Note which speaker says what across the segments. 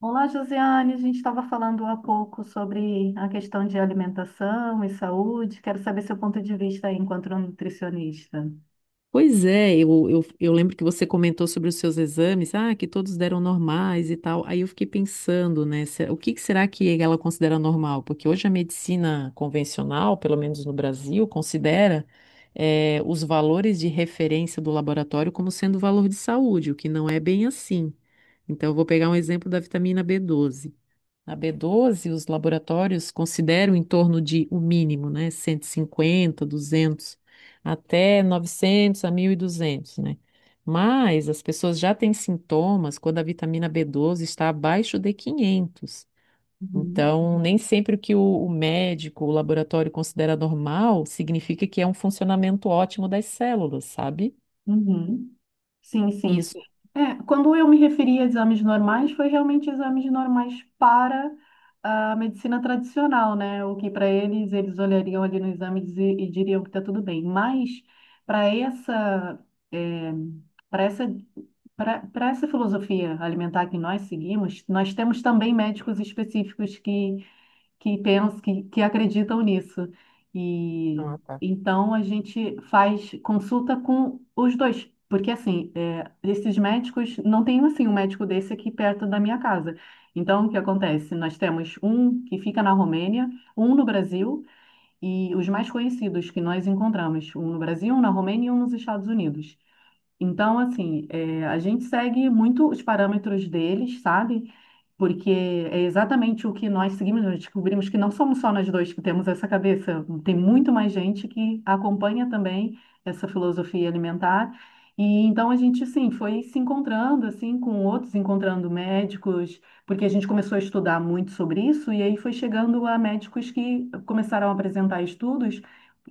Speaker 1: Olá, Josiane. A gente estava falando há pouco sobre a questão de alimentação e saúde. Quero saber seu ponto de vista aí enquanto nutricionista.
Speaker 2: Pois é, eu lembro que você comentou sobre os seus exames, que todos deram normais e tal. Aí eu fiquei pensando, né, o que que será que ela considera normal? Porque hoje a medicina convencional, pelo menos no Brasil, considera, os valores de referência do laboratório como sendo valor de saúde, o que não é bem assim. Então, eu vou pegar um exemplo da vitamina B12 os laboratórios consideram em torno de o mínimo, né? 150, 200, até 900 a 1.200, né? Mas as pessoas já têm sintomas quando a vitamina B12 está abaixo de 500.
Speaker 1: Uhum.
Speaker 2: Então, nem sempre o que o médico, o laboratório considera normal, significa que é um funcionamento ótimo das células, sabe?
Speaker 1: Uhum. Sim, sim.
Speaker 2: Isso.
Speaker 1: É, quando eu me referi a exames normais, foi realmente exames normais para a medicina tradicional, né? O que para eles, eles olhariam ali no exame e diriam que está tudo bem. Mas para essa, é, para essa, para para essa filosofia alimentar que nós seguimos, nós temos também médicos específicos que pensam, que acreditam nisso. E
Speaker 2: Ah, tá.
Speaker 1: então a gente faz consulta com os dois, porque assim, é, esses médicos, não tem assim um médico desse aqui perto da minha casa. Então, o que acontece? Nós temos um que fica na Romênia, um no Brasil e os mais conhecidos que nós encontramos, um no Brasil, um na Romênia e um nos Estados Unidos. Então, assim, é, a gente segue muito os parâmetros deles, sabe? Porque é exatamente o que nós seguimos, nós descobrimos que não somos só nós dois que temos essa cabeça, tem muito mais gente que acompanha também essa filosofia alimentar. E então a gente, sim, foi se encontrando assim com outros, encontrando médicos, porque a gente começou a estudar muito sobre isso e aí foi chegando a médicos que começaram a apresentar estudos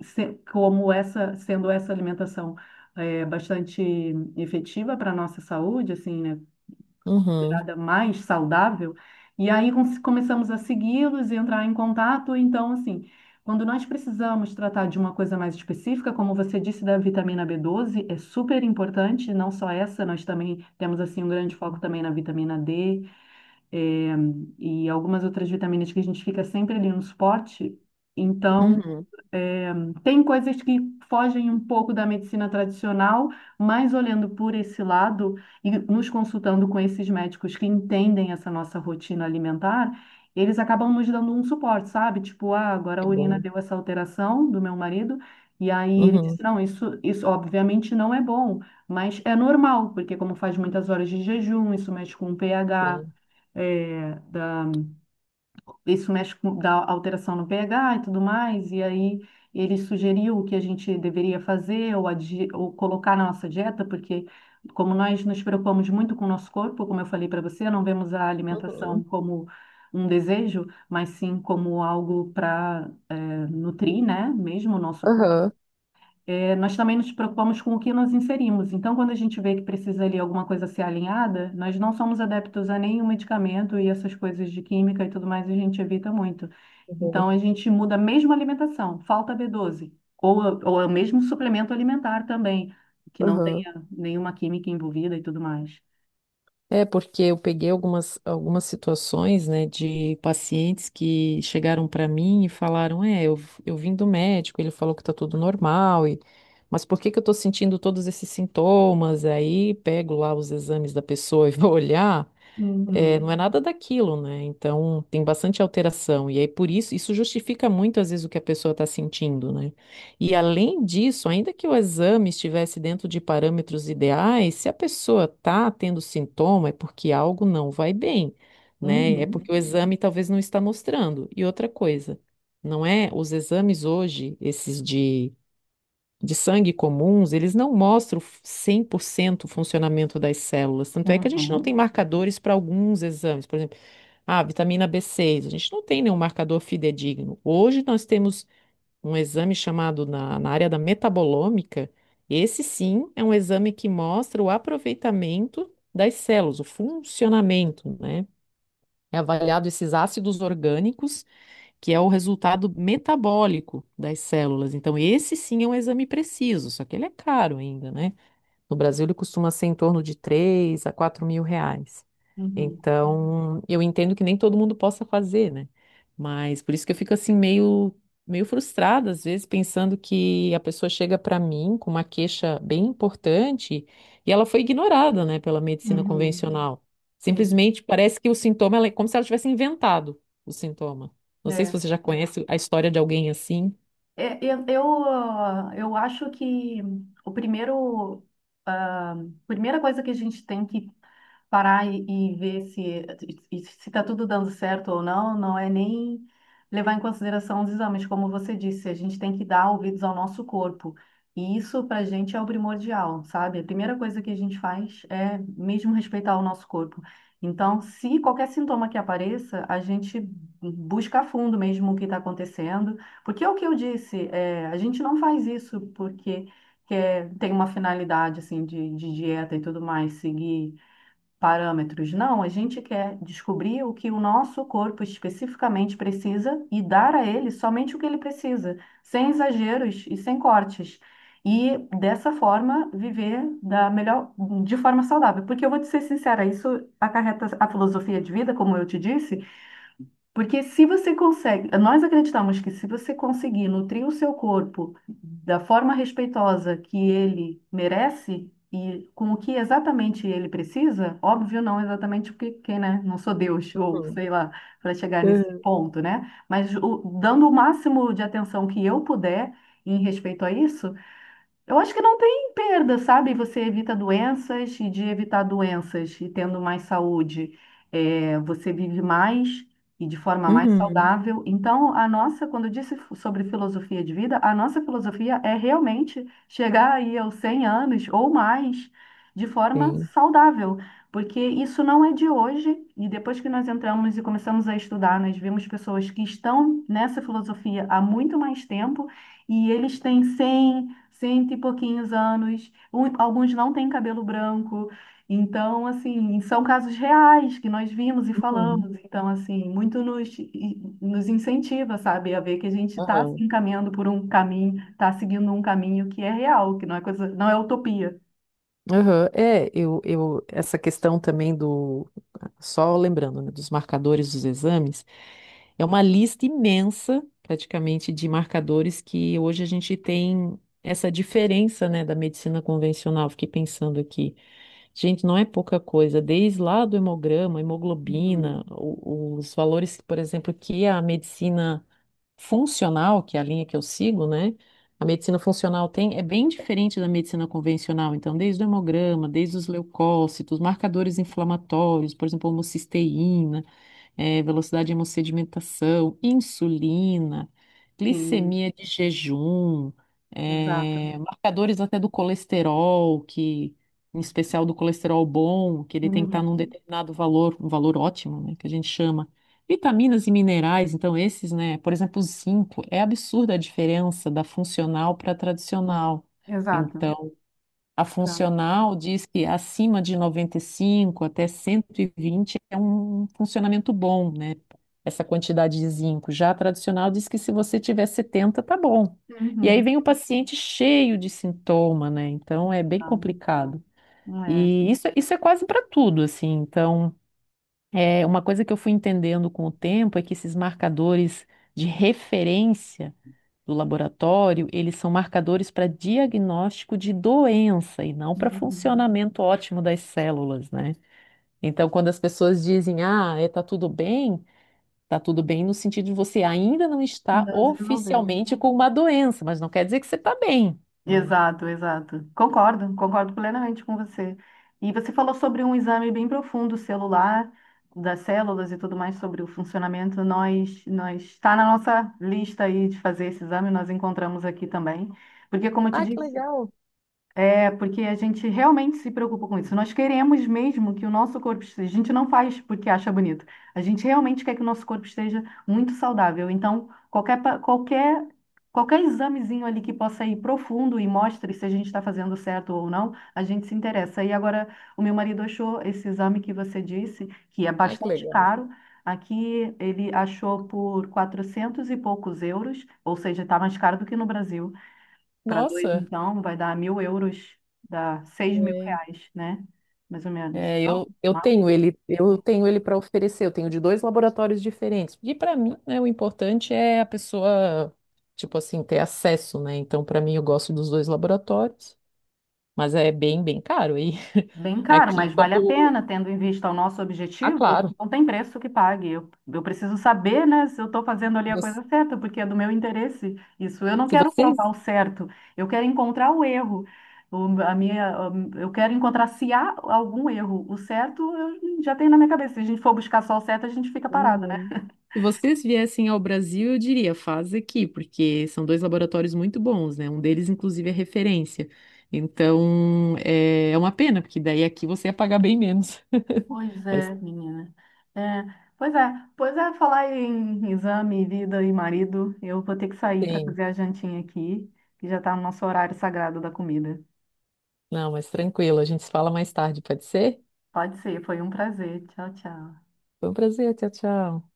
Speaker 1: sendo essa alimentação bastante efetiva para a nossa saúde, assim, né?
Speaker 2: Uhum,
Speaker 1: Considerada mais saudável. E aí começamos a segui-los e entrar em contato. Então, assim, quando nós precisamos tratar de uma coisa mais específica, como você disse da vitamina b doze é super importante, não só essa, nós também temos, assim, um grande foco também na vitamina D, eh, e algumas outras vitaminas que a gente fica sempre ali no suporte. Então,
Speaker 2: uhum.
Speaker 1: tem coisas que fogem um pouco da medicina tradicional, mas olhando por esse lado e nos consultando com esses médicos que entendem essa nossa rotina alimentar, eles acabam nos dando um suporte, sabe? Tipo, ah, agora a
Speaker 2: É
Speaker 1: urina
Speaker 2: bom.
Speaker 1: deu essa alteração do meu marido, e aí ele disse,
Speaker 2: Uhum.
Speaker 1: não, isso obviamente não é bom, mas é normal, porque como faz muitas horas de jejum, isso mexe com o pH,
Speaker 2: Sim.
Speaker 1: eh, da isso mexe com dá alteração no pH e tudo mais, e aí ele sugeriu o que a gente deveria fazer ou colocar na nossa dieta, porque como nós nos preocupamos muito com o nosso corpo, como eu falei para você, não vemos a alimentação
Speaker 2: Uhum.
Speaker 1: como um desejo, mas sim como algo para nutrir, né, mesmo o nosso corpo
Speaker 2: Aham.
Speaker 1: nós também nos preocupamos com o que nos inserimos. Então, quando a gente vê que precisa ali alguma coisa ser alinhada, nós não somos adeptos a nenhum medicamento e essas coisas de química e tudo mais, a gente evita muito.
Speaker 2: Uhum.
Speaker 1: Então, a gente muda mesmo a alimentação, falta B12, ou é o mesmo suplemento alimentar também, que não
Speaker 2: Aham.
Speaker 1: tenha nenhuma química envolvida e tudo mais.
Speaker 2: É porque eu peguei algumas situações, né, de pacientes que chegaram para mim e falaram, é, eu vim do médico, ele falou que tá tudo normal, e, mas por que que eu tô sentindo todos esses sintomas? Aí pego lá os exames da pessoa e vou olhar, é, não
Speaker 1: Uhum.
Speaker 2: é nada daquilo, né? Então tem bastante alteração. E aí, por isso, isso justifica muito às vezes o que a pessoa está sentindo, né? E além disso, ainda que o exame estivesse dentro de parâmetros ideais, se a pessoa está tendo sintoma, é porque algo não vai bem, né? É
Speaker 1: Uhum.
Speaker 2: porque o exame talvez não está mostrando. E outra coisa, não é? Os exames hoje, esses de sangue comuns, eles não mostram 100% o funcionamento das células. Tanto é que a gente não tem
Speaker 1: Uhum.
Speaker 2: marcadores para alguns exames. Por exemplo, a vitamina B6 a gente não tem nenhum marcador fidedigno. Hoje nós temos um exame chamado na área da metabolômica. Esse sim é um exame que mostra o aproveitamento das células, o funcionamento, né? É avaliado esses ácidos orgânicos que é o resultado metabólico das células. Então, esse sim é um exame preciso, só que ele é caro ainda, né? No Brasil, ele costuma ser em torno de 3 a 4 mil reais.
Speaker 1: Uhum.
Speaker 2: Então, eu entendo que nem todo mundo possa fazer, né? Mas por isso que eu fico assim meio frustrada, às vezes, pensando que a pessoa chega para mim com uma queixa bem importante e ela foi ignorada, né, pela medicina
Speaker 1: Uhum.
Speaker 2: convencional.
Speaker 1: Sim.
Speaker 2: Simplesmente parece que o sintoma, ela é como se ela tivesse inventado o sintoma. Não sei se
Speaker 1: É.
Speaker 2: você já conhece a história de alguém assim.
Speaker 1: É. Eu eu acho que o primeiro, a primeira coisa que a gente tem que parar e ver se está tudo dando certo ou não, não é nem levar em consideração os exames, como você disse, a gente tem que dar ouvidos ao nosso corpo. E isso para a gente é o primordial, sabe? A primeira coisa que a gente faz é mesmo respeitar o nosso corpo. Então, se qualquer sintoma que apareça, a gente busca a fundo mesmo o que está acontecendo porque é o que eu disse, é, a gente não faz isso porque quer, tem uma finalidade assim de dieta e tudo mais, seguir parâmetros. Não, a gente quer descobrir o que o nosso corpo especificamente precisa e dar a ele somente o que ele precisa, sem exageros e sem cortes. E dessa forma viver de forma saudável. Porque eu vou te ser sincera, isso acarreta a filosofia de vida, como eu te disse. Porque se você consegue, nós acreditamos que se você conseguir nutrir o seu corpo da forma respeitosa que ele merece e com o que exatamente ele precisa, óbvio, não exatamente porque, quem, né, não sou Deus ou
Speaker 2: Uhum.
Speaker 1: sei lá, para chegar nesse
Speaker 2: Uhum.
Speaker 1: ponto, né? Mas dando o máximo de atenção que eu puder em respeito a isso, eu acho que não tem perda, sabe? Você evita doenças e de evitar doenças e tendo mais saúde, é, você vive mais e de forma mais
Speaker 2: Uhum.
Speaker 1: saudável. Então, a nossa, quando eu disse sobre filosofia de vida, a nossa filosofia é realmente chegar aí aos 100 anos ou mais de forma
Speaker 2: Sim.
Speaker 1: saudável, porque isso não é de hoje. E depois que nós entramos e começamos a estudar, nós vimos pessoas que estão nessa filosofia há muito mais tempo e eles têm 100 cento e pouquinhos anos, alguns não têm cabelo branco. Então, assim, são casos reais que nós vimos e
Speaker 2: Uhum.
Speaker 1: falamos. Então, assim, muito nos, incentiva, sabe, a ver que a gente está se
Speaker 2: Aham.
Speaker 1: encaminhando por um caminho, está seguindo um caminho que é real, que não é coisa, não é utopia.
Speaker 2: Aham, é, essa questão também do, só lembrando, né, dos marcadores dos exames, é uma lista imensa, praticamente, de marcadores que hoje a gente tem essa diferença, né, da medicina convencional. Fiquei pensando aqui, gente, não é pouca coisa, desde lá do hemograma,
Speaker 1: Uhum.
Speaker 2: hemoglobina, os valores, por exemplo, que a medicina funcional, que é a linha que eu sigo, né? A medicina funcional tem, é bem diferente da medicina convencional, então, desde o hemograma, desde os leucócitos, marcadores inflamatórios, por exemplo, homocisteína, velocidade de hemossedimentação, insulina,
Speaker 1: Sim,
Speaker 2: glicemia de jejum,
Speaker 1: exato.
Speaker 2: marcadores até do colesterol, que em especial do colesterol bom, que ele tem que estar num
Speaker 1: Uhum.
Speaker 2: determinado valor, um valor ótimo, né, que a gente chama. Vitaminas e minerais, então esses, né, por exemplo, o zinco, é absurda a diferença da funcional para a tradicional.
Speaker 1: Exato.
Speaker 2: Então, a
Speaker 1: Exato.
Speaker 2: funcional diz que acima de 95 até 120 é um funcionamento bom, né? Essa quantidade de zinco. Já a tradicional diz que se você tiver 70, tá bom. E aí
Speaker 1: Uhum.
Speaker 2: vem o paciente cheio de sintoma, né? Então é bem
Speaker 1: Tá.
Speaker 2: complicado.
Speaker 1: É.
Speaker 2: E isso é quase para tudo, assim. Então. É, uma coisa que eu fui entendendo com o tempo é que esses marcadores de referência do laboratório, eles são marcadores para diagnóstico de doença e não para
Speaker 1: Uhum.
Speaker 2: funcionamento ótimo das células, né? Então, quando as pessoas dizem, ah, é, tá tudo bem no sentido de você ainda não está
Speaker 1: Ainda desenvolveu.
Speaker 2: oficialmente com uma doença, mas não quer dizer que você está bem, não é?
Speaker 1: Exato, exato. Concordo, concordo plenamente com você. E você falou sobre um exame bem profundo celular, das células e tudo mais, sobre o funcionamento. Nós está na nossa lista aí de fazer esse exame, nós encontramos aqui também. Porque, como eu te
Speaker 2: Ah, que
Speaker 1: disse,
Speaker 2: legal.
Speaker 1: é, porque a gente realmente se preocupa com isso. Nós queremos mesmo que o nosso corpo esteja. A gente não faz porque acha bonito. A gente realmente quer que o nosso corpo esteja muito saudável. Então, qualquer examezinho ali que possa ir profundo e mostre se a gente está fazendo certo ou não, a gente se interessa. E agora, o meu marido achou esse exame que você disse, que é
Speaker 2: Ah, que
Speaker 1: bastante
Speaker 2: legal.
Speaker 1: caro. Aqui ele achou por 400 e poucos euros, ou seja, está mais caro do que no Brasil. Para dois,
Speaker 2: Nossa,
Speaker 1: então, vai dar 1.000 euros, dá seis mil
Speaker 2: É,
Speaker 1: reais, né? Mais ou menos.
Speaker 2: É,
Speaker 1: Não,
Speaker 2: eu, eu
Speaker 1: mas
Speaker 2: tenho ele, eu tenho ele para oferecer, eu tenho de dois laboratórios diferentes. E para mim, né, o importante é a pessoa, tipo assim, ter acesso, né? Então, para mim, eu gosto dos dois laboratórios, mas é bem, bem caro. E
Speaker 1: bem caro,
Speaker 2: aqui,
Speaker 1: mas vale a
Speaker 2: quando.
Speaker 1: pena, tendo em vista o nosso
Speaker 2: Ah,
Speaker 1: objetivo,
Speaker 2: claro,
Speaker 1: não tem preço que pague. Eu preciso saber, né, se eu estou fazendo ali a
Speaker 2: você-
Speaker 1: coisa certa, porque é do meu interesse. Isso, eu não
Speaker 2: se
Speaker 1: quero
Speaker 2: você.
Speaker 1: provar o certo, eu quero encontrar o erro. O- a minha, eu quero encontrar se há algum erro. O certo eu já tenho na minha cabeça. Se a gente for buscar só o certo, a gente fica parado. Né?
Speaker 2: Uhum. Se vocês viessem ao Brasil, eu diria, faz aqui, porque são dois laboratórios muito bons, né? Um deles, inclusive, é referência. Então, é uma pena, porque daí aqui você ia pagar bem menos.
Speaker 1: Pois
Speaker 2: Mas
Speaker 1: é, menina. É, pois é, pois é, falar em exame, vida e marido, eu vou ter que sair para
Speaker 2: tem.
Speaker 1: fazer a jantinha aqui, que já está no nosso horário sagrado da comida.
Speaker 2: Não, mas tranquilo, a gente se fala mais tarde, pode ser?
Speaker 1: Pode ser, foi um prazer. Tchau, tchau.
Speaker 2: Foi um prazer, tchau, tchau.